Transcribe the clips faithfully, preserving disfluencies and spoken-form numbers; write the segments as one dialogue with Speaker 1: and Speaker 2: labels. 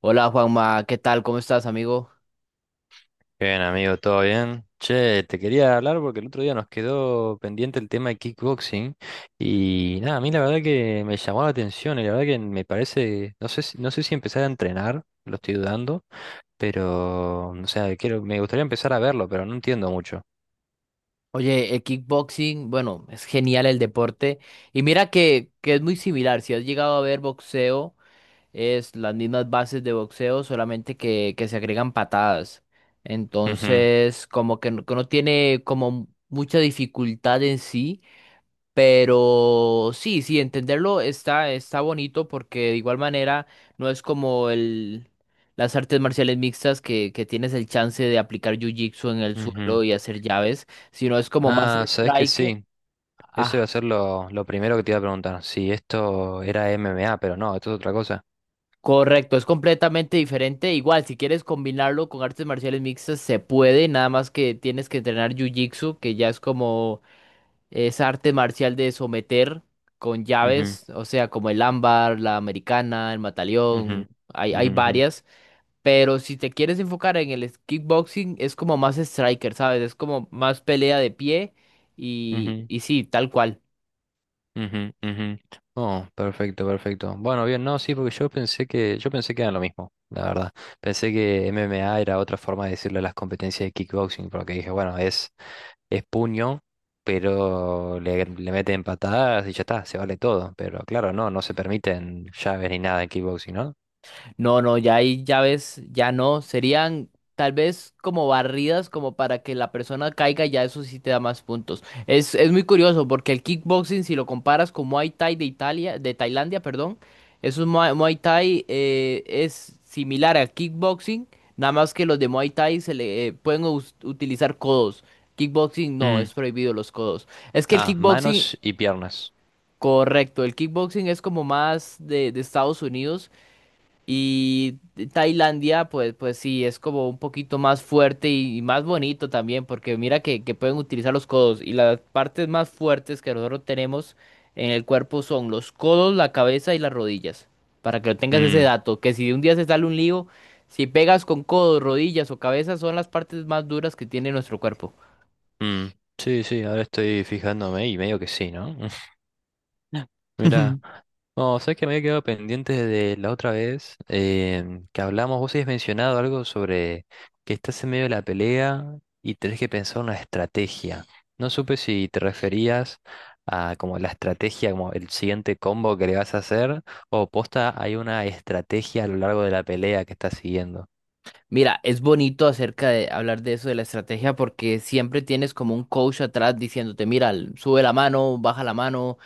Speaker 1: Hola Juanma, ¿qué tal? ¿Cómo estás, amigo?
Speaker 2: Bien, amigo, ¿todo bien? Che, te quería hablar porque el otro día nos quedó pendiente el tema de kickboxing y nada, a mí la verdad que me llamó la atención y la verdad que me parece, no sé si, no sé si empezar a entrenar, lo estoy dudando, pero, o sea, quiero, me gustaría empezar a verlo, pero no entiendo mucho.
Speaker 1: Oye, el kickboxing, bueno, es genial el deporte. Y mira que, que es muy similar. Si has llegado a ver boxeo, es las mismas bases de boxeo, solamente que, que se agregan patadas.
Speaker 2: Ujú,
Speaker 1: Entonces, como que no, que no tiene como mucha dificultad en sí. Pero sí, sí, entenderlo está, está bonito porque de igual manera no es como el, las artes marciales mixtas que, que tienes el chance de aplicar jiu-jitsu en el
Speaker 2: ujú.
Speaker 1: suelo y hacer llaves, sino es como más
Speaker 2: Ah, sabes que
Speaker 1: striker.
Speaker 2: sí, eso iba a
Speaker 1: Ah,
Speaker 2: ser lo, lo primero que te iba a preguntar, si esto era M M A, pero no, esto es otra cosa.
Speaker 1: correcto, es completamente diferente. Igual, si quieres combinarlo con artes marciales mixtas, se puede, nada más que tienes que entrenar jiu-jitsu, que ya es como es arte marcial de someter con
Speaker 2: Ujú,
Speaker 1: llaves, o sea, como el ámbar, la americana, el mataleón,
Speaker 2: ujú,
Speaker 1: hay, hay
Speaker 2: ujú, ujú,
Speaker 1: varias, pero si te quieres enfocar en el es- kickboxing, es como más striker, ¿sabes? Es como más pelea de pie y,
Speaker 2: ujú.
Speaker 1: y sí, tal cual.
Speaker 2: Ujú, ujú. Oh, perfecto, perfecto. Bueno, bien, no, sí, porque yo pensé que, yo pensé que era lo mismo, la verdad. Pensé que M M A era otra forma de decirle a las competencias de kickboxing, porque dije, bueno, es, es puño, pero le, le meten patadas y ya está, se vale todo. Pero claro, no, no se permiten llaves ni nada en kickboxing, ¿no?
Speaker 1: No, no, ya hay llaves, ya no. Serían tal vez como barridas, como para que la persona caiga, ya eso sí te da más puntos. Es, es muy curioso porque el kickboxing, si lo comparas con Muay Thai de Italia, de Tailandia, perdón, eso es Muay, Muay Thai eh, es similar al kickboxing, nada más que los de Muay Thai se le eh, pueden us- utilizar codos. Kickboxing no,
Speaker 2: Mm.
Speaker 1: es prohibido los codos. Es que el
Speaker 2: Ah,
Speaker 1: kickboxing,
Speaker 2: manos y piernas.
Speaker 1: correcto, el kickboxing es como más de, de Estados Unidos y Tailandia, pues, pues sí, es como un poquito más fuerte y, y más bonito también, porque mira que, que pueden utilizar los codos. Y las partes más fuertes que nosotros tenemos en el cuerpo son los codos, la cabeza y las rodillas. Para que lo tengas ese
Speaker 2: Mm,
Speaker 1: dato, que si un día se sale un lío, si pegas con codos, rodillas o cabeza, son las partes más duras que tiene nuestro cuerpo.
Speaker 2: mm. Sí, sí, ahora estoy fijándome y medio que sí, ¿no? Mira, no, sabes que me había quedado pendiente de la otra vez em, que hablamos. Vos habías mencionado algo sobre que estás en medio de la pelea y tenés que pensar una estrategia. No supe si te referías a como la estrategia, como el siguiente combo que le vas a hacer, o posta hay una estrategia a lo largo de la pelea que estás siguiendo.
Speaker 1: Mira, es bonito acerca de hablar de eso de la estrategia porque siempre tienes como un coach atrás diciéndote, mira, l- sube la mano, baja la mano,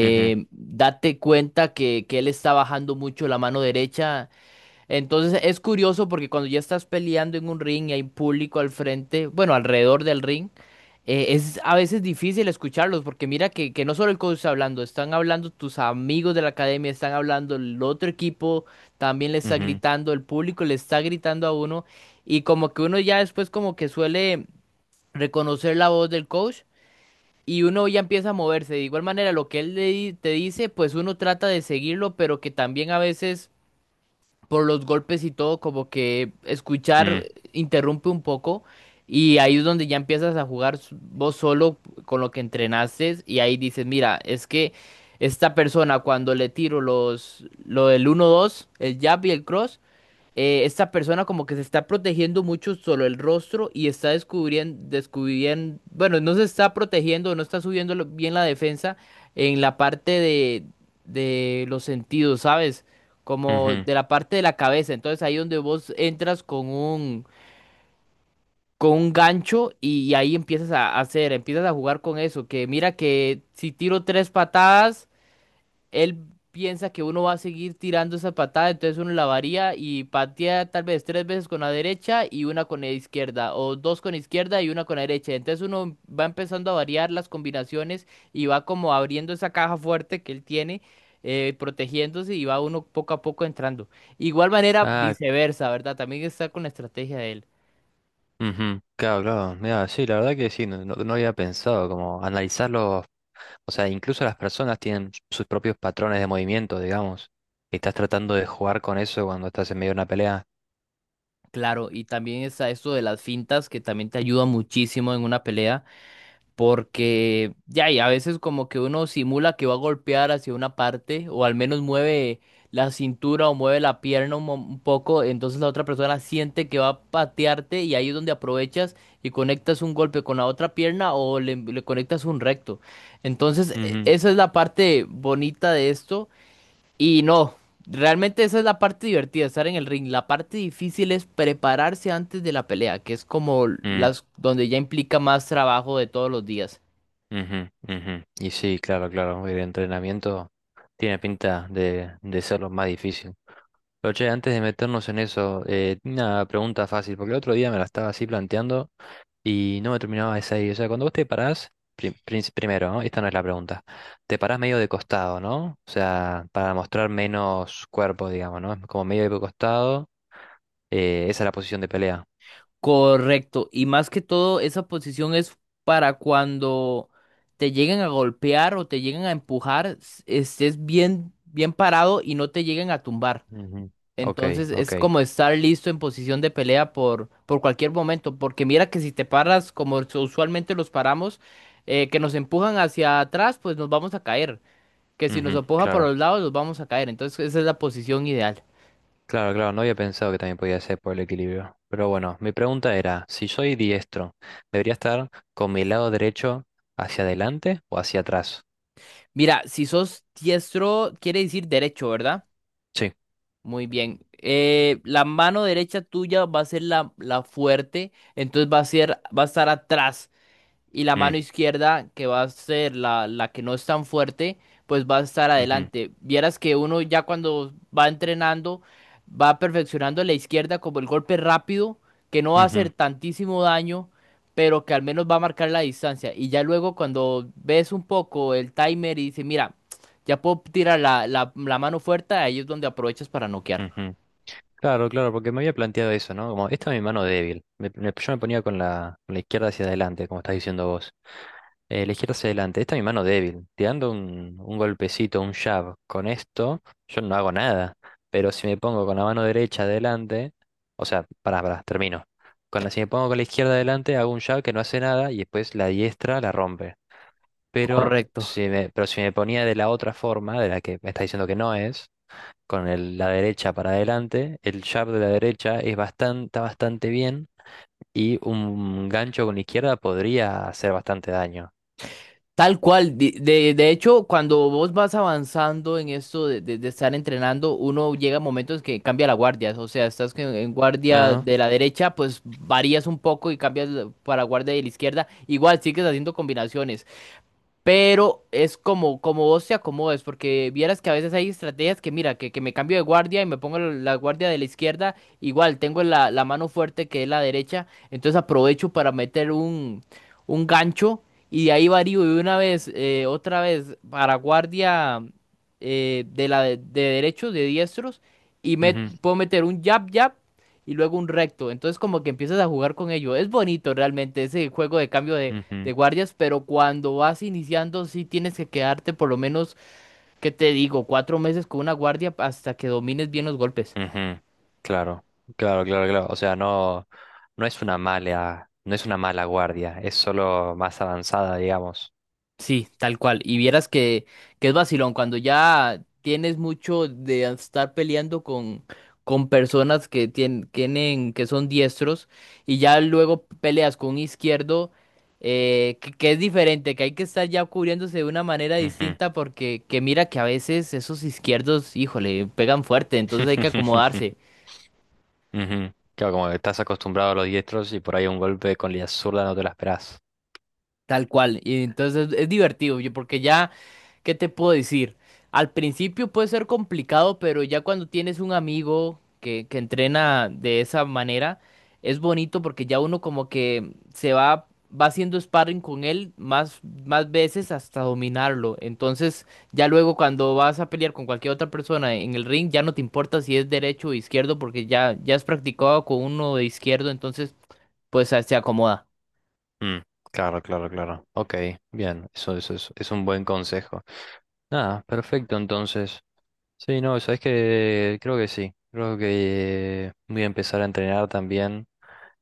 Speaker 2: Ujú,
Speaker 1: date cuenta que, que él está bajando mucho la mano derecha, entonces es curioso porque cuando ya estás peleando en un ring y hay público al frente, bueno, alrededor del ring, eh, es a veces difícil escucharlos porque mira que, que no solo el coach está hablando, están hablando tus amigos de la academia, están hablando el otro equipo, también le está
Speaker 2: ujú,
Speaker 1: gritando, el público le está gritando a uno y como que uno ya después como que suele reconocer la voz del coach y uno ya empieza a moverse. De igual manera, lo que él le di- te dice, pues uno trata de seguirlo, pero que también a veces por los golpes y todo, como que escuchar
Speaker 2: mm,
Speaker 1: interrumpe un poco y ahí es donde ya empiezas a jugar s- vos solo con lo que entrenaste y ahí dices, mira, es que esta persona cuando le tiro los, lo del uno dos el jab y el cross, eh, esta persona como que se está protegiendo mucho solo el rostro y está descubriendo, descubriendo, bueno, no se está protegiendo, no está subiendo lo- bien la defensa en la parte de, de los sentidos, ¿sabes? Como
Speaker 2: ujú.
Speaker 1: de la parte de la cabeza. Entonces ahí donde vos entras con un, con un gancho y, ahí empiezas a hacer, empiezas a jugar con eso, que mira que si tiro tres patadas él piensa que uno va a seguir tirando esa patada, entonces uno la varía y patea tal vez tres veces con la derecha y una con la izquierda, o dos con izquierda y una con la derecha. Entonces uno va empezando a variar las combinaciones y va como abriendo esa caja fuerte que él tiene, eh, protegiéndose y va uno poco a poco entrando. Igual manera,
Speaker 2: Ah,
Speaker 1: viceversa, ¿verdad? También está con la estrategia de él.
Speaker 2: ujú, claro, claro. Mira, sí, la verdad que sí, no, no- no había pensado como analizarlo. O sea, incluso las personas tienen sus propios patrones de movimiento, digamos. Y estás tratando de jugar con eso cuando estás en medio de una pelea.
Speaker 1: Claro, y también está esto de las fintas que también te ayuda muchísimo en una pelea, porque ya, y a veces como que uno simula que va a golpear hacia una parte, o al menos mueve la cintura o mueve la pierna un, mo- un poco, entonces la otra persona siente que va a patearte y ahí es donde aprovechas y conectas un golpe con la otra pierna o le, le conectas un recto. Entonces, e-
Speaker 2: Ujú,
Speaker 1: esa es la parte bonita de esto y no, realmente esa es la parte divertida, estar en el ring. La parte difícil es prepararse antes de la pelea, que es como
Speaker 2: mm,
Speaker 1: las donde ya implica más trabajo de todos los días.
Speaker 2: ujú, ujú. Y sí, claro, claro. El entrenamiento tiene pinta de, de ser lo más difícil. Pero che, antes de meternos en eso, eh, una pregunta fácil, porque el otro día me la estaba así planteando y no me terminaba de salir. O sea, cuando vos te parás, prim- prin- primero, ¿no? Esta no es la pregunta. Te parás medio de costado, ¿no? O sea, para mostrar menos cuerpo, digamos, ¿no? Como medio de costado. Eh, esa es la posición de pelea.
Speaker 1: Correcto. Y más que todo, esa posición es para cuando te lleguen a golpear o te lleguen a empujar, s- estés bien, bien parado y no te lleguen a tumbar.
Speaker 2: Ujú. Ok,
Speaker 1: Entonces
Speaker 2: ok.
Speaker 1: es como estar listo en posición de pelea por, por cualquier momento. Porque mira que si te paras como us- usualmente los paramos, eh, que nos empujan hacia atrás, pues nos vamos a caer. Que si nos
Speaker 2: Ujú,
Speaker 1: empuja por
Speaker 2: claro,
Speaker 1: los lados, nos vamos a caer. Entonces esa es la posición ideal.
Speaker 2: claro, claro. No había pensado que también podía ser por el equilibrio. Pero bueno, mi pregunta era, si soy diestro, ¿debería estar con mi lado derecho hacia adelante o hacia atrás?
Speaker 1: Mira, si sos diestro, quiere decir derecho, ¿verdad?
Speaker 2: Sí.
Speaker 1: Muy bien. Eh, la mano derecha tuya va a ser la, la fuerte, entonces va a ser, va a estar atrás. Y la mano
Speaker 2: Mm,
Speaker 1: izquierda, que va a ser la, la que no es tan fuerte, pues va a estar
Speaker 2: ujú,
Speaker 1: adelante. Vieras que uno ya cuando va entrenando, va perfeccionando la izquierda como el golpe rápido, que no va a
Speaker 2: ujú,
Speaker 1: hacer tantísimo daño, pero que al menos va a marcar la distancia. Y ya luego cuando ves un poco el timer y dices, mira, ya puedo tirar la, la la mano fuerte, ahí es donde aprovechas para noquear.
Speaker 2: ujú, claro, claro, porque me había planteado eso, ¿no? Como, esta es mi mano débil. Me- me- yo me ponía con la, con la izquierda hacia adelante, como estás diciendo vos. Eh, la izquierda hacia adelante, esta es mi mano débil. Tirando un, un golpecito, un jab con esto, yo no hago nada. Pero si me pongo con la mano derecha adelante, o sea, pará, pará, termino. Con la, si me pongo con la izquierda adelante, hago un jab que no hace nada y después la diestra la rompe. Pero
Speaker 1: Correcto.
Speaker 2: si me, pero si me ponía de la otra forma, de la que me está diciendo que no es con el- la derecha para adelante, el jab de la derecha es bastante, está bastante bien y un gancho con la izquierda podría hacer bastante daño.
Speaker 1: Tal cual. De, de- de hecho, cuando vos vas avanzando en esto de, de- de estar entrenando, uno llega a momentos que cambia la guardia. O sea, estás que en guardia
Speaker 2: Ah,
Speaker 1: de la derecha, pues varías un poco y cambias la- para guardia de la izquierda. Igual sigues haciendo combinaciones. Pero es como, como vos te acomodes, porque vieras que a veces hay estrategias que, mira, que, que me cambio de guardia y me pongo la la guardia de la izquierda, igual tengo la, la mano fuerte que es la derecha, entonces aprovecho para meter un, un gancho y de ahí varío de una vez, eh, otra vez para guardia eh, de la de, de derechos, de diestros, y me,
Speaker 2: ujú,
Speaker 1: puedo meter un jab, jab y luego un recto, entonces como que empiezas a jugar con ello, es bonito realmente ese juego de cambio de de
Speaker 2: ujú,
Speaker 1: guardias, pero cuando vas iniciando sí tienes que quedarte por lo menos, ¿qué te digo? Cuatro meses con una guardia hasta que domines bien los golpes.
Speaker 2: ujú. Claro, claro, claro, claro. O sea, no, no es una mala, no es una mala guardia, es solo más avanzada, digamos.
Speaker 1: Sí, tal cual. Y vieras que, que es vacilón, cuando ya tienes mucho de estar peleando con, con personas que tien- tienen, que son diestros, y ya luego peleas con un izquierdo, eh, que, que es diferente, que hay que estar ya cubriéndose de una manera
Speaker 2: Ujú.
Speaker 1: distinta, porque que mira que a veces esos izquierdos, híjole, pegan fuerte, entonces hay que acomodarse.
Speaker 2: Ujú. Claro, como que estás acostumbrado a los diestros y por ahí un golpe con la zurda no te la esperás.
Speaker 1: Tal cual. Y entonces es divertido, yo, porque ya, ¿qué te puedo decir? Al principio puede ser complicado, pero ya cuando tienes un amigo que, que entrena de esa manera, es bonito porque ya uno como que se va, va haciendo sparring con él más, más veces hasta dominarlo. Entonces, ya luego cuando vas a pelear con cualquier otra persona en el ring, ya no te importa si es derecho o izquierdo, porque ya, ya has practicado con uno de izquierdo, entonces pues se acomoda.
Speaker 2: Mm, claro, claro, claro. Ok, bien, eso, eso es, es un buen consejo. Nada, perfecto, entonces. Sí, no, sabes que creo que sí. Creo que voy a empezar a entrenar también.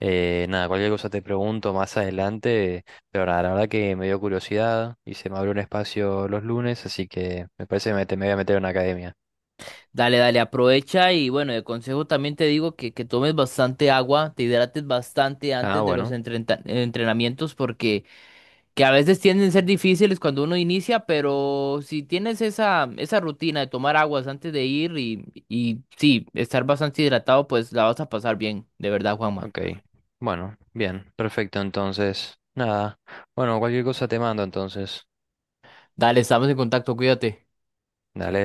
Speaker 2: Eh, nada, cualquier cosa te pregunto más adelante, pero nada, la verdad que me dio curiosidad y se me abrió un espacio los lunes, así que me parece que me, te- me voy a meter en una academia.
Speaker 1: Dale, dale, aprovecha y bueno, de consejo también te digo que, que tomes bastante agua, te hidrates bastante
Speaker 2: Ah,
Speaker 1: antes de los
Speaker 2: bueno,
Speaker 1: entreta- entrenamientos porque que a veces tienden a ser difíciles cuando uno inicia, pero si tienes esa, esa rutina de tomar aguas antes de ir y, y sí, estar bastante hidratado, pues la vas a pasar bien, de verdad, Juanma.
Speaker 2: ok. Bueno, bien, perfecto, entonces. Nada, bueno, cualquier cosa te mando entonces.
Speaker 1: Dale, estamos en contacto, cuídate.
Speaker 2: Dale.